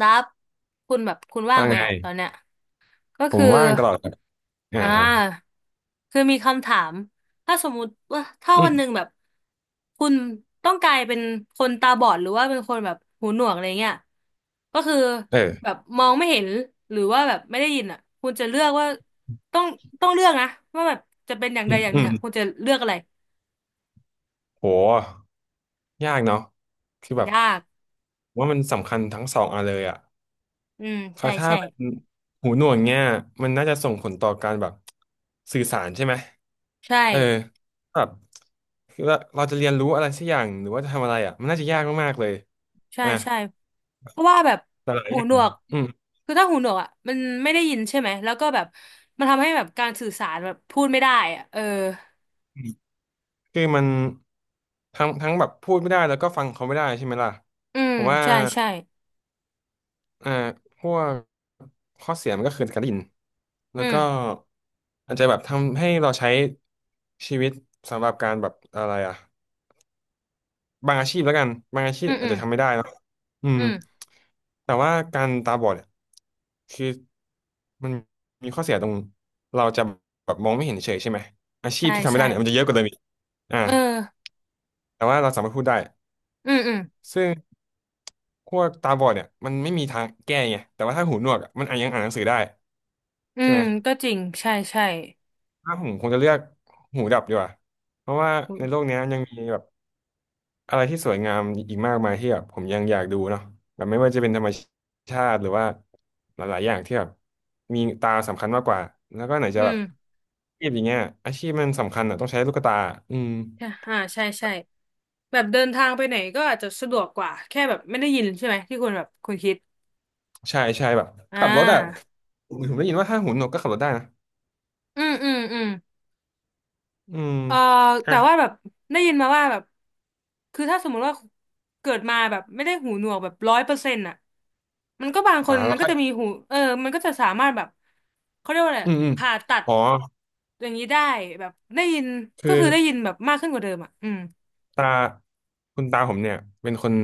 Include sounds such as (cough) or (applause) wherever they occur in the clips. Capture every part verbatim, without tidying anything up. ดับคุณแบบคุณว่างว่าไหมไงอะตอนเนี้ยก็ผคืมอว่างตลอดครับอ่าอ่อ่าาคือมีคำถามถ้าสมมุติว่าถ้าอืวันหนึ่มงแบบคุณต้องกลายเป็นคนตาบอดหรือว่าเป็นคนแบบหูหนวกอะไรเงี้ยก็คือแบเออบมองไม่เห็นหรือว่าแบบไม่ได้ยินอ่ะคุณจะเลือกว่าต้องต้องเลือกนะว่าแบบจะเป็นอย่างอืใดมอย่างหอืนึ่งมอ่ะคุณจะเลือกอะไรโหยากเนาะคือแบบยากผมว่ามันสำคัญทั้งสองอันเลยอ่ะอืมเออใช่ถ้าใช่เป็นหูหนวกเงี้ยมันน่าจะส่งผลต่อการแบบสื่อสารใช่ไหมใช่ เออแบบคือเราเราจะเรียนรู้อะไรสักอย่างหรือว่าจะทำอะไรอ่ะมันน่าจะยากมากๆเลยใช่อ่ะใช่เพราะว่าแบบแต่หลายหูอย่าหนงวกอืมคือถ้าหูหนวกอ่ะมันไม่ได้ยินใช่ไหมแล้วก็แบบมันทำให้แบบการสื่อสารแบบพูดไม่ได้อ่ะเอออืมคือมันทั้งทั้งแบบพูดไม่ได้แล้วก็ฟังเขาไม่ได้ใช่ไหมล่ะอืมผมว่า ใช่ใช่อ่าพวกข้อเสียมันก็คือการได้ยินแล้อืวมก็อาจจะแบบทำให้เราใช้ชีวิตสำหรับการแบบอะไรอ่ะบางอาชีพแล้วกันบางอาชีอืพมอาอืจมจะทำไม่ได้เนอะอือืมมแต่ว่าการตาบอดเนี่ยคือมันมีข้อเสียตรงเราจะแบบมองไม่เห็นเฉยใช่ไหมอาชีพใช่ที่ทำไม่ใช่ได้เนี่ยมันจะเยอะกว่าเดิมอีกอ่าเออแต่ว่าเราสามารถพูดได้อืมอืมซึ่งพวกตาบอดเนี่ยมันไม่มีทางแก้ไงแต่ว่าถ้าหูหนวกอะมันอาจยังอ่านหนังสือได้อืใช่มไหม ก็จริงใช่ใช่ถ้าผมคงจะเลือกหูดับดีกว่าเพราะว่าอืในโลกมเนี้ยยังมีแบบอะไรที่สวยงามอีกมากมายที่แบบผมยังอยากดูเนาะแบบไม่ว่าจะเป็นธรรมชาติหรือว่าหลายๆอย่างที่แบบมีตาสำคัญมากกว่าแล้วก็ไหนอืจะแบมบอาชีพอย่างเงี้ยอาชีพมันสำคัญอ่ะต้องใช้ลูกตาอืมใช่อ่าใช่ใช่แบบเดินทางไปไหนก็อาจจะสะดวกกว่าแค่แบบไม่ได้ยินใช่ไหมที่คุณแบบคุณคิดใช่ใช่แบบอ่ขับรถอ่ะาผมได้ยินว่าถ้าหูหนวกก็ขับรถได้นะอืมอืมอืม อืมเอออ่ะแต่ว่าแบบได้ยินมาว่าแบบคือถ้าสมมุติว่าเกิดมาแบบไม่ได้หูหนวกแบบร้อยเปอร์เซ็นต์อ่ะมันก็บางคอ่านแล้มัวนก็ค่อยจะมีหูเออมันก็จะสามารถแบบเขาเรียกว่าอะไรอือะมอืมผ่าตัดอ๋ออย่างนี้ได้แบบได้ยินคือ ก็คือได้ยินแบบมากขึ้นกว่าเดิมอ่ะอืมตาคุณตาผมเนี่ยเป็นคน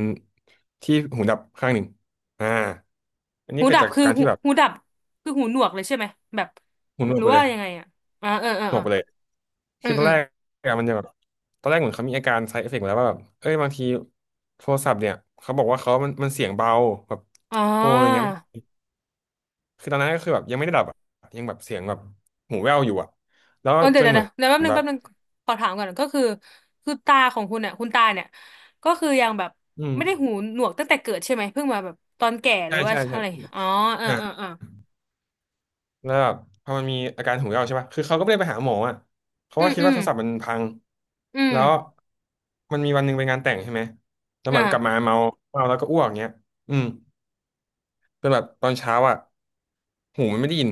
ที่หูดับข้างหนึ่งอ่าอันหูนี้เกิดดับจากคือการหูที่แบบหูดับคือหูหนวกเลยใช่ไหมแบบหูหนหวกรือไปเลว่ายยังไงอ่ะอ่าเออเออหนเอวกอไปเลยอืคือมตอนอืมแรกอะมันจะแบบตอนแรกเหมือนเขามีอาการ side effect มาแล้วว่าแบบเอ้ยบางทีโทรศัพท์เนี่ยเขาบอกว่าเขามันมันเสียงเบาแบบอ๋อ โทรอะไรเงี้ยไม่คือตอนนั้นก็คือแบบยังไม่ได้ดับอะยังแบบเสียงแบบหูแว่วอยู่อะแล้วเออเดี๋จยวนเดี๋ยวเหมืเดี๋ยอวเดี๋ยวแป๊บนนึแบงบแป๊บนึงขอถามก่อนก็คือคือตาของคุณเนี่ยคุณตาเนี่ยก็คือยังแบบอืมไม่ได้หูหนวกตั้งแต่เกิดใช่ไหมเพิ่งมาแบบตอนแก่หใช่รือว่าใช่ใช่อะไรอ๋อเอออ่า เออเออแล้วแบบพอมันมีอาการหูยออกใช่ป่ะคือเขาก็ไม่ได้ไปหาหมออ่ะเขาอืก็มคิดอืว่ามโทรศัพท์มันพังอืมแล้วมันมีวันหนึ่งไปงานแต่งใช่ไหมแล้วแบบกลับมาอ่าเมาเมาแล้วก็อ้วกเงี้ยอืมจนแบบตอนเช้าอ่ะหูมันไม่ได้ยิน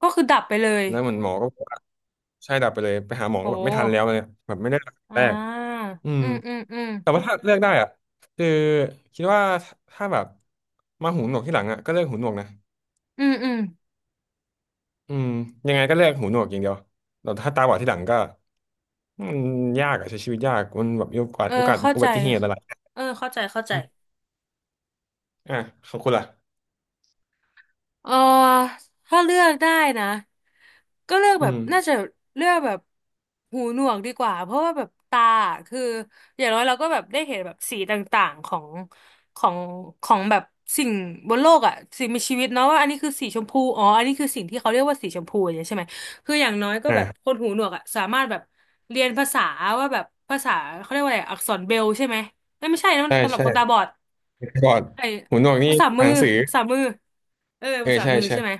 ก็คือดับไปเลยแล้วเหมือนหมอก็บอกว่าใช่ดับไปเลยไปหาหมอโก็แบบไม่ทันแล้หวเลยแบบไม่ได้ตักษาอ่แรกาอืมอืมอืมอืมแต่ว่าถ้าเลือกได้อ่ะคือคิดว่าถ้าแบบมาหูหนวกที่หลังอ่ะก็เลือกหูหนวกนะอืมอืมอืมยังไงก็เลือกหูหนวกอย่างเดียวแต่ถ้าตาบอดที่หลังก็ มันยากอะใช้ชีวิตยากมันแบบมีโอกาสเออโอกาสเข้าอุใจบัติเหตุอะไรเออเข้าใจเข้าใจ อืมอ่ะขอบคุณล่ะเออถ้าเลือกได้นะก็เลือกแบอืบมน่าจะเลือกแบบหูหนวกดีกว่าเพราะว่าแบบตาอะคืออย่างน้อยเราก็แบบได้เห็นแบบสีต่างๆของของของแบบสิ่งบนโลกอ่ะสิ่งมีชีวิตเนาะว่าอันนี้คือสีชมพูอ๋ออันนี้คือสิ่งที่เขาเรียกว่าสีชมพูอย่างเงี้ยใช่ไหมคืออย่างน้อยก็แบบคอ่านหูหนวกอ่ะสามารถแบบเรียนภาษาว่าแบบภาษาเขาเรียกว่าอะไรอักษรเบรลใช่ไหมเอ้ยไม่ใช่นะมันใช่สำหรับใช่คนตาบอดก่อนไอ้หูหนวกนี่ภาษาอ่ามืนอหนังสือภาษามือเออเออภาษาใช่มือใช่ใช่ไหม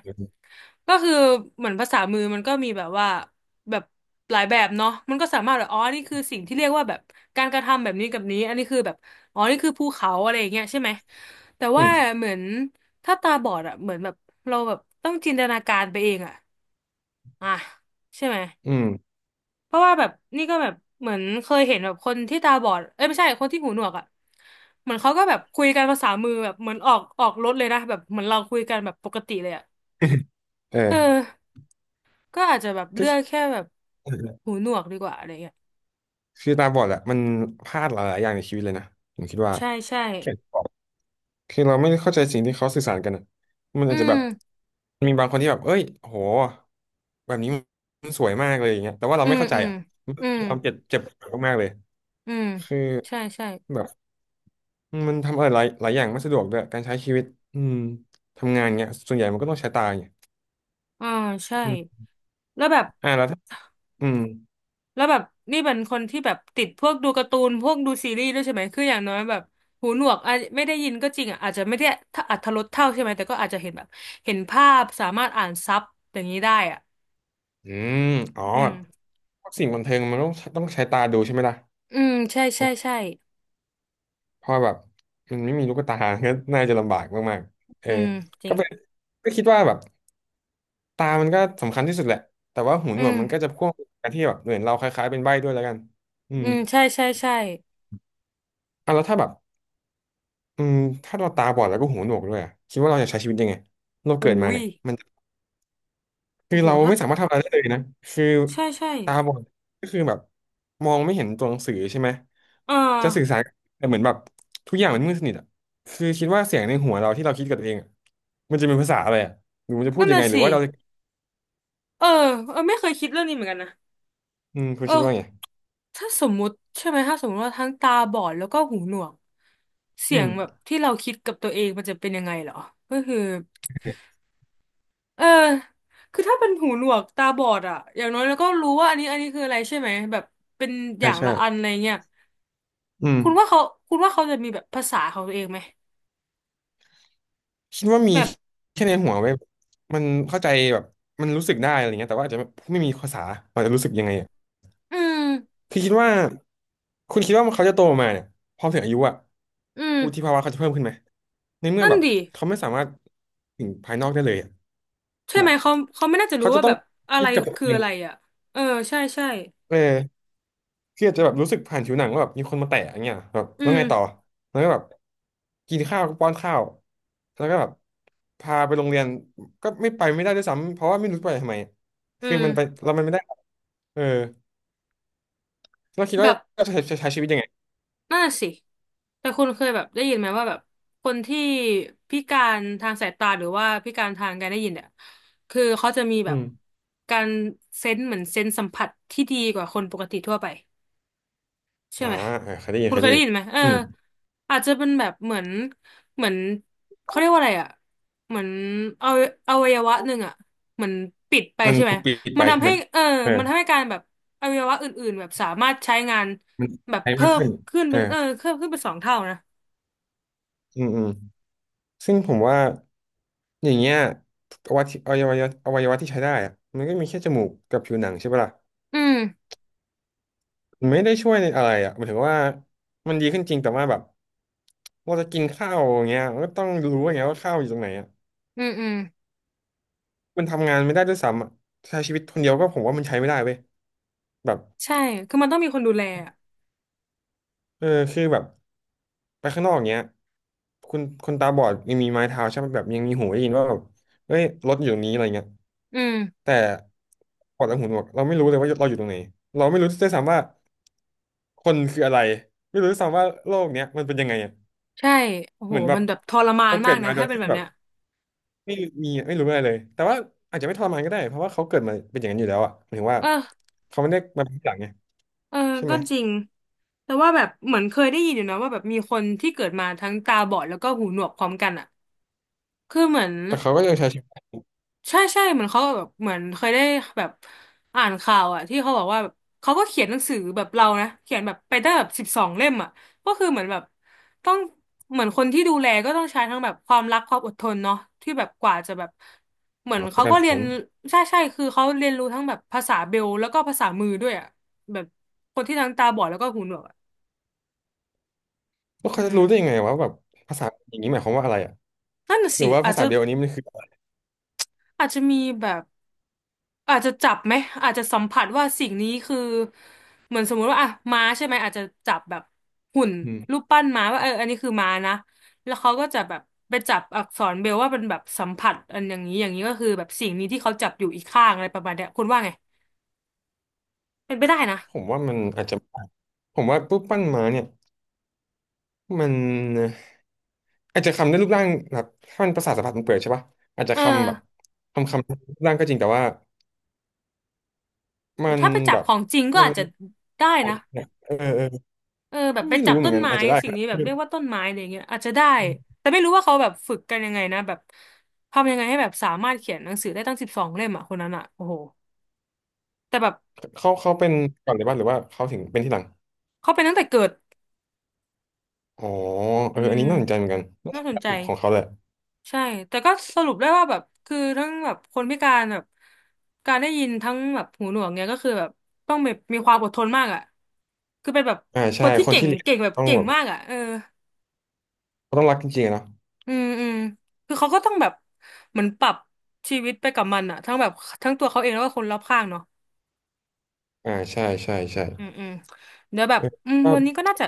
ก็คือเหมือนภาษามือมันก็มีแบบว่าแบบหลายแบบเนาะมันก็สามารถแบบอ๋อนี่คือสิ่งที่เรียกว่าแบบการกระทำแบบนี้กับนี้อันนี้คือแบบอ๋อนี่คือภูเขาอะไรอย่างเงี้ยใช่ไหมแต่อืว่ามเหมือนถ้าตาบอดอะเหมือนแบบเราแบบต้องจินตนาการไปเองอะอ่ะใช่ไหมอืม เพราะว่าแบบนี่ก็แบบเหมือนเคยเห็นแบบคนที่ตาบอดเอ้ยไม่ใช่คนที่หูหนวกอะเหมือนเขาก็แบบคุยกันภาษามือแบบเหมือนออกออกรถเลยนะแบบเหมือนเราคุยกันแบบปกติเลยอะ (laughs) เออเออ ก็อาจจะแบบก็เลือกแค่แบบหูหนวกดีกว่าอะไรเงี้ยคือตาบอดอะมันพลาดหลายๆอย่างในชีวิตเลยนะผมคิดว่าใช่ใช่แค่บอกคือเราไม่ได้เข้าใจสิ่งที่เขาสื่อสารกันอะมันอือาจจะแบมบมีบางคนที่แบบเอ้ยโหแบบนี้มันสวยมากเลยอย่างเงี้ยแต่ว่าเราอืไม่มเข้าใจอืมอะมันเป็อืมนความเจ็บเจ็บปวดมากๆเลยอืมคือใช่ใช่แบบ อืมมันทำอะไรหลายหลายอย่างไม่สะดวกด้วยการใช้ชีวิตอืมทำงานเงี้ยส่วนใหญ่มันก็ต้องใช้ตาเงี้ยอ่าใช่อืมแล้วแบบอ่าแล้วถ้าอืมแล้วแบบนี่เป็นคนที่แบบติดพวกดูการ์ตูนพวกดูซีรีส์ด้วยใช่ไหมคืออย่างน้อยแบบหูหนวกอาจไม่ได้ยินก็จริงอ่ะอาจจะไม่ได้ถ้าอรรถรสเท่าใช่ไหมแต่ก็อาจจะเห็นแบบเห็นภาพสามารถอ่านซับอย่างนี้ได้อ่ะอืมอ๋ออืมพวกสิ่งบันเทิงมันต้องต้องใช้ตาดูใช่ไหมล่ะอืมใช่ใช่ใช่เพราะแบบมันไม่มีลูกตา (laughs) ก็น่าจะลำบากมากๆเออือมจริก็งเป็นก็คิดว่าแบบตามันก็สำคัญที่สุดแหละแต่ว่าหูอืหนวกมันก็มจะพ่วงกันที่แบบเหมือนเราคล้ายๆเป็นใบ้ด้วยแล้วกันอือืมมใช่ใช่ใช่อ่ะแล้วถ้าแบบอืมถ้าเราตาบอดแล้วก็หูหนวกด้วยอะคิดว่าเราจะใช้ชีวิตยังไงเราหูเกิดมายเนี่ย คืโอ้อโหเราถ้า ไม่สามารถทำอะไรได้เลยนะคือใช่ใช่ตาบอดก็คือแบบมองไม่เห็นตัวหนังสือใช่ไหมเอจะสื่ออสารแต่เหมือนแบบทุกอย่างมันมืดสนิทอ่ะคือคิดว่าเสียงในหัวเราที่เราคิดกับตัวเองอะมันจะเป็นภาษาอะไรอ่ะหรือมันจะพูนั่ดนยังน่ะไงหรืสิอว่าเราจะเออเออไม่เคยคิดเรื่องนี้เหมือนกันนะอืมคุณเอคิดว่าไงอถ้าสมมุติใช่ไหมถ้าสมมติว่าทั้งตาบอดแล้วก็หูหนวกเสีอืยมงแบบที่เราคิดกับตัวเองมันจะเป็นยังไงเหรอก็คือเออคือถ้าเป็นหูหนวกตาบอดอะอย่างน้อยเราก็รู้ว่าอันนี้อันนี้คืออะไรใช่ไหมแบบเป็นอใช่ย่างใช่ละอันอะไรเงี้ยอืมคุณว่าเขาคุณว่าเขาจะมีแบบภาษาของตัวเองไหมคิดว่ามีแบบแค่ในหัวไว้ยมันเข้าใจแบบมันรู้สึกได้อะไรเงี้ยแต่ว่าอาจจะไม่มีภาษาเราจะรู้สึกยังไง อืมคือคิดว่าคุณคิดว่าเขาจะโตมาเนี่ยพอถึงอายุอะอืมวุฒิภาวะเขาจะเพิ่มขึ้นไหมในเมื่อนั่นแบบดิ เขาไม่สามารถถึงภายนอกได้เลยอะใช่แบไหมบเขาเขาไม่น่าจะรู้เขาจะว่าต้แบองบอะคิไรดกับตัวคือเองอะไรอ่ะเออใช่ใช่เออคืออาจจะแบบรู้สึกผ่านผิวหนังว่าแบบมีคนมาแตะอย่างเงี้ยแบบอืแล้วไงต่อมแล้วก็แบบกินข้าวก็ป้อนข้าวแล้วก็แบบพาไปโรงเรียนก็ไม่ไปไม่ได้ด้วยซ้ำเพราะว่าไม่รู้ไปทำไมอืคือมมันไปเรามันไม่ได้เออเราคิดว่าแบบจะใช้ใช้ชีวิตยังไงน่าสิแต่คุณเคยแบบได้ยินไหมว่าแบบคนที่พิการทางสายตาหรือว่าพิการทางการได้ยินเนี่ยคือเขาจะมีแบอืบม การเซนส์เหมือนเซนส์สัมผัสที่ดีกว่าคนปกติทั่วไป ใช่ออ่าไหมเออเคยได้ยินคุณเคยเคยได้ได้ยินยินไหมเอออืมอาจจะเป็นแบบเหมือนเหมือนเขาเรียกว่าอะไรอ่ะเหมือนเอาอวัยวะหนึ่งอ่ะเหมือนปิดไปมันใช่ไหมถูกปิดมัไปนใช่ทำไหให้มเออเอมัอนทำให้การแบบอวัยวะอื่นๆแบบสามารถใช้งานมันแบบใช้เพิ่มากมขึ้นขึ้นเอเป็อนเออเพิ่มขึ้นเป็นสองเท่านะอืมอืมซึ่งผมว่าอย่างเงี้ยอวัยวะอวัยวะอวัยวะที่ใช้ได้อะมันก็มีแค่จมูกกับผิวหนังใช่ปะล่ะอืมมันไม่ได้ช่วยในอะไรอ่ะหมายถึงว่ามันดีขึ้นจริงแต่ว่าแบบเราจะกินข้าวอย่างเงี้ยมันก็ต้องรู้อย่างเงี้ยว่าข้าวอยู่ตรงไหนอ่ะอืมอืมมันทำงานไม่ได้ด้วยซ้ำอ่ะใช้ชีวิตคนเดียวก็ผมว่ามันใช้ไม่ได้เว้ยแบบใช่คือมันต้องมีคนดูแลอะเออคือแบบ ไปข้างนอกเงี้ยคุณคนตาบอดยังมีไม้เท้าใช่ไหมแบบยังมีหูได้ยินว่าแบบเฮ้ยรถอยู่ตรงนี้อะไรเงี้ยอืมแต่ปอดและหูหนวกเราไม่รู้เลยว่าเราอยู่ตรงไหนเราไม่รู้ด้วยซ้ำว่าคนคืออะไรไม่รู้ด้วยซ้ำว่าโลกเนี้ยมันเป็นยังไงอ่ะใช่โอ้โหเหมือนแบมับนแบบทรมานเราเกิมากดนะมาโดถ้ายเป็นที่แบบแบบเนี้ยไม่มีไม่รู้อะไรเลยแต่ว่าอาจจะไม่ทรมานก็ได้เพราะว่าเขาเกิดมาเป็นอย่างนั้นอยู่แล้วอ่ะหมายถึงว่าเออ เขาไม่ได้มาเป็นทีหลังไงเออใช่ไหก็มจริง แต่ว่าแบบเหมือนเคยได้ยินอยู่นะว่าแบบมีคนที่เกิดมาทั้งตาบอดแล้วก็หูหนวกพร้อมกันอ่ะคือเหมือนแต่เขาก็ยังใช้ชีวิตขใช่ใช่เหมือนเขาแบบเหมือนเคยได้แบบอ่านข่าวอ่ะที่เขาบอกว่าแบบเขาก็เขียนหนังสือแบบเรานะเขียนแบบไปได้แบบสิบสองเล่มอ่ะก็คือเหมือนแบบต้องเหมือนคนที่ดูแลก็ต้องใช้ทั้งแบบความรักความอดทนเนาะที่แบบกว่าจะแบบเหมืองอนเขาเป็นเขาการก็สเรียอนนใช่ใช่คือเขาเรียนรู้ทั้งแบบภาษาเบลแล้วก็ภาษามือด้วยอ่ะแบบคนที่ทั้งตาบอดแล้วก็หูหนวก แล้วอืเขาจะมรู้ได้ยังไงวะแบบภาษาอย่างนี้หมายความว่าอะไรอ่ะ นั่นน่ะหรืสิอว่าอาภาจษาจะเบลอันนี้มันคืออาจจะมีแบบอาจจะจับไหมอาจจะสัมผัสว่าสิ่งนี้คือเหมือนสมมุติว่าอ่ะม้าใช่ไหมอาจจะจับแบบหุ่นอืรูมปปั้นม้าว่าเอออันนี้คือม้านะแล้วเขาก็จะแบบไปจับอักษรเบรลว่าเป็นแบบสัมผัสอันอย่างนี้อย่างนี้ก็คือแบบสิ่งนี้ที่เขาจับอยู่อีกข้างอะไรประมาณเนี้ยคุณว่าไงเป็นไปได้นะผมว่ามันอาจจะผมว่ารูปปั้นม้าเนี่ยมันอาจจะคำได้รูปร่างแบบถ้ามันประสาทสัมผัสมันเปิดใช่ปะอาจจะเออคำแบบคำคำรูปร่างก็จริงแต่ว่ามัแต่นถ้าไปจัแบบบของจริงก็มันอาจจะได้โเนะ เนี่ยเออเออเออแบก็บไปไม่จัรู้บเหมือต้นนกันไม้อาจจะได้สิ่ก็งนี้แบบได้เรียกว่าต้นไม้อะไรเงี้ยอาจจะได้อืมแต่ไม่รู้ว่าเขาแบบฝึกกันยังไงนะแบบทำยังไงให้แบบสามารถเขียนหนังสือได้ตั้งสิบสองเล่มอ่ะคนนั้นอ่ะโอ้โหแต่แบบเขาเขาเป็นก่อนเลยป่ะหรือว่าเขาถึงเป็นที่หลังเขาเป็นตั้งแต่เกิดอ๋อเออืออันมนี้น่าสนใจเหมือนกันน่าสนใจของเขาแหละใช่แต่ก็สรุปได้ว่าแบบคือทั้งแบบคนพิการแบบการได้ยินทั้งแบบหูหนวกเนี่ยก็คือแบบต้องแบบมีความอดทนมากอ่ะคือเป็นแบบอ่าคใช่นที่คนเก่งที่เลี้ยงเก่งแบบต้องเก่งแบบมากอ่ะเออ ต้องรักจริงๆอะเนาะอืมอืมคือเขาก็ต้องแบบเหมือนปรับชีวิตไปกับมันอะทั้งแบบทั้งตัวเขาเองแล้วก็คนรอบข้างเนาะอ่าใช่ใช่ใช่อืมอืมเดี๋ยวแบบเอออืมก็วันนี้ก็น่าจะ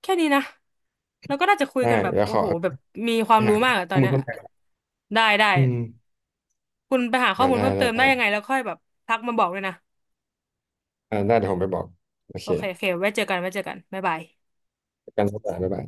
แค่นี้นะแล้วก็น่าจะคุยได้กันแบบแล้วโอ้เขา โหแบบมีควาไปมรู้หามากอะตอข้อนมูลเนี้ยเพิ่มเติมได้ได้อืมคุณไปหาข้ออ่ามูลได้เพิ่มได้เติมได้ได้ยังไงแล้วค่อยแบบทักมาบอกด้วยนะอ่าได้เดี๋ยวผมไปบอกโอโอเคเคโอเคไว้เจอกันไว้เจอกันบ๊ายบายประกันสถานบ๊ายบาย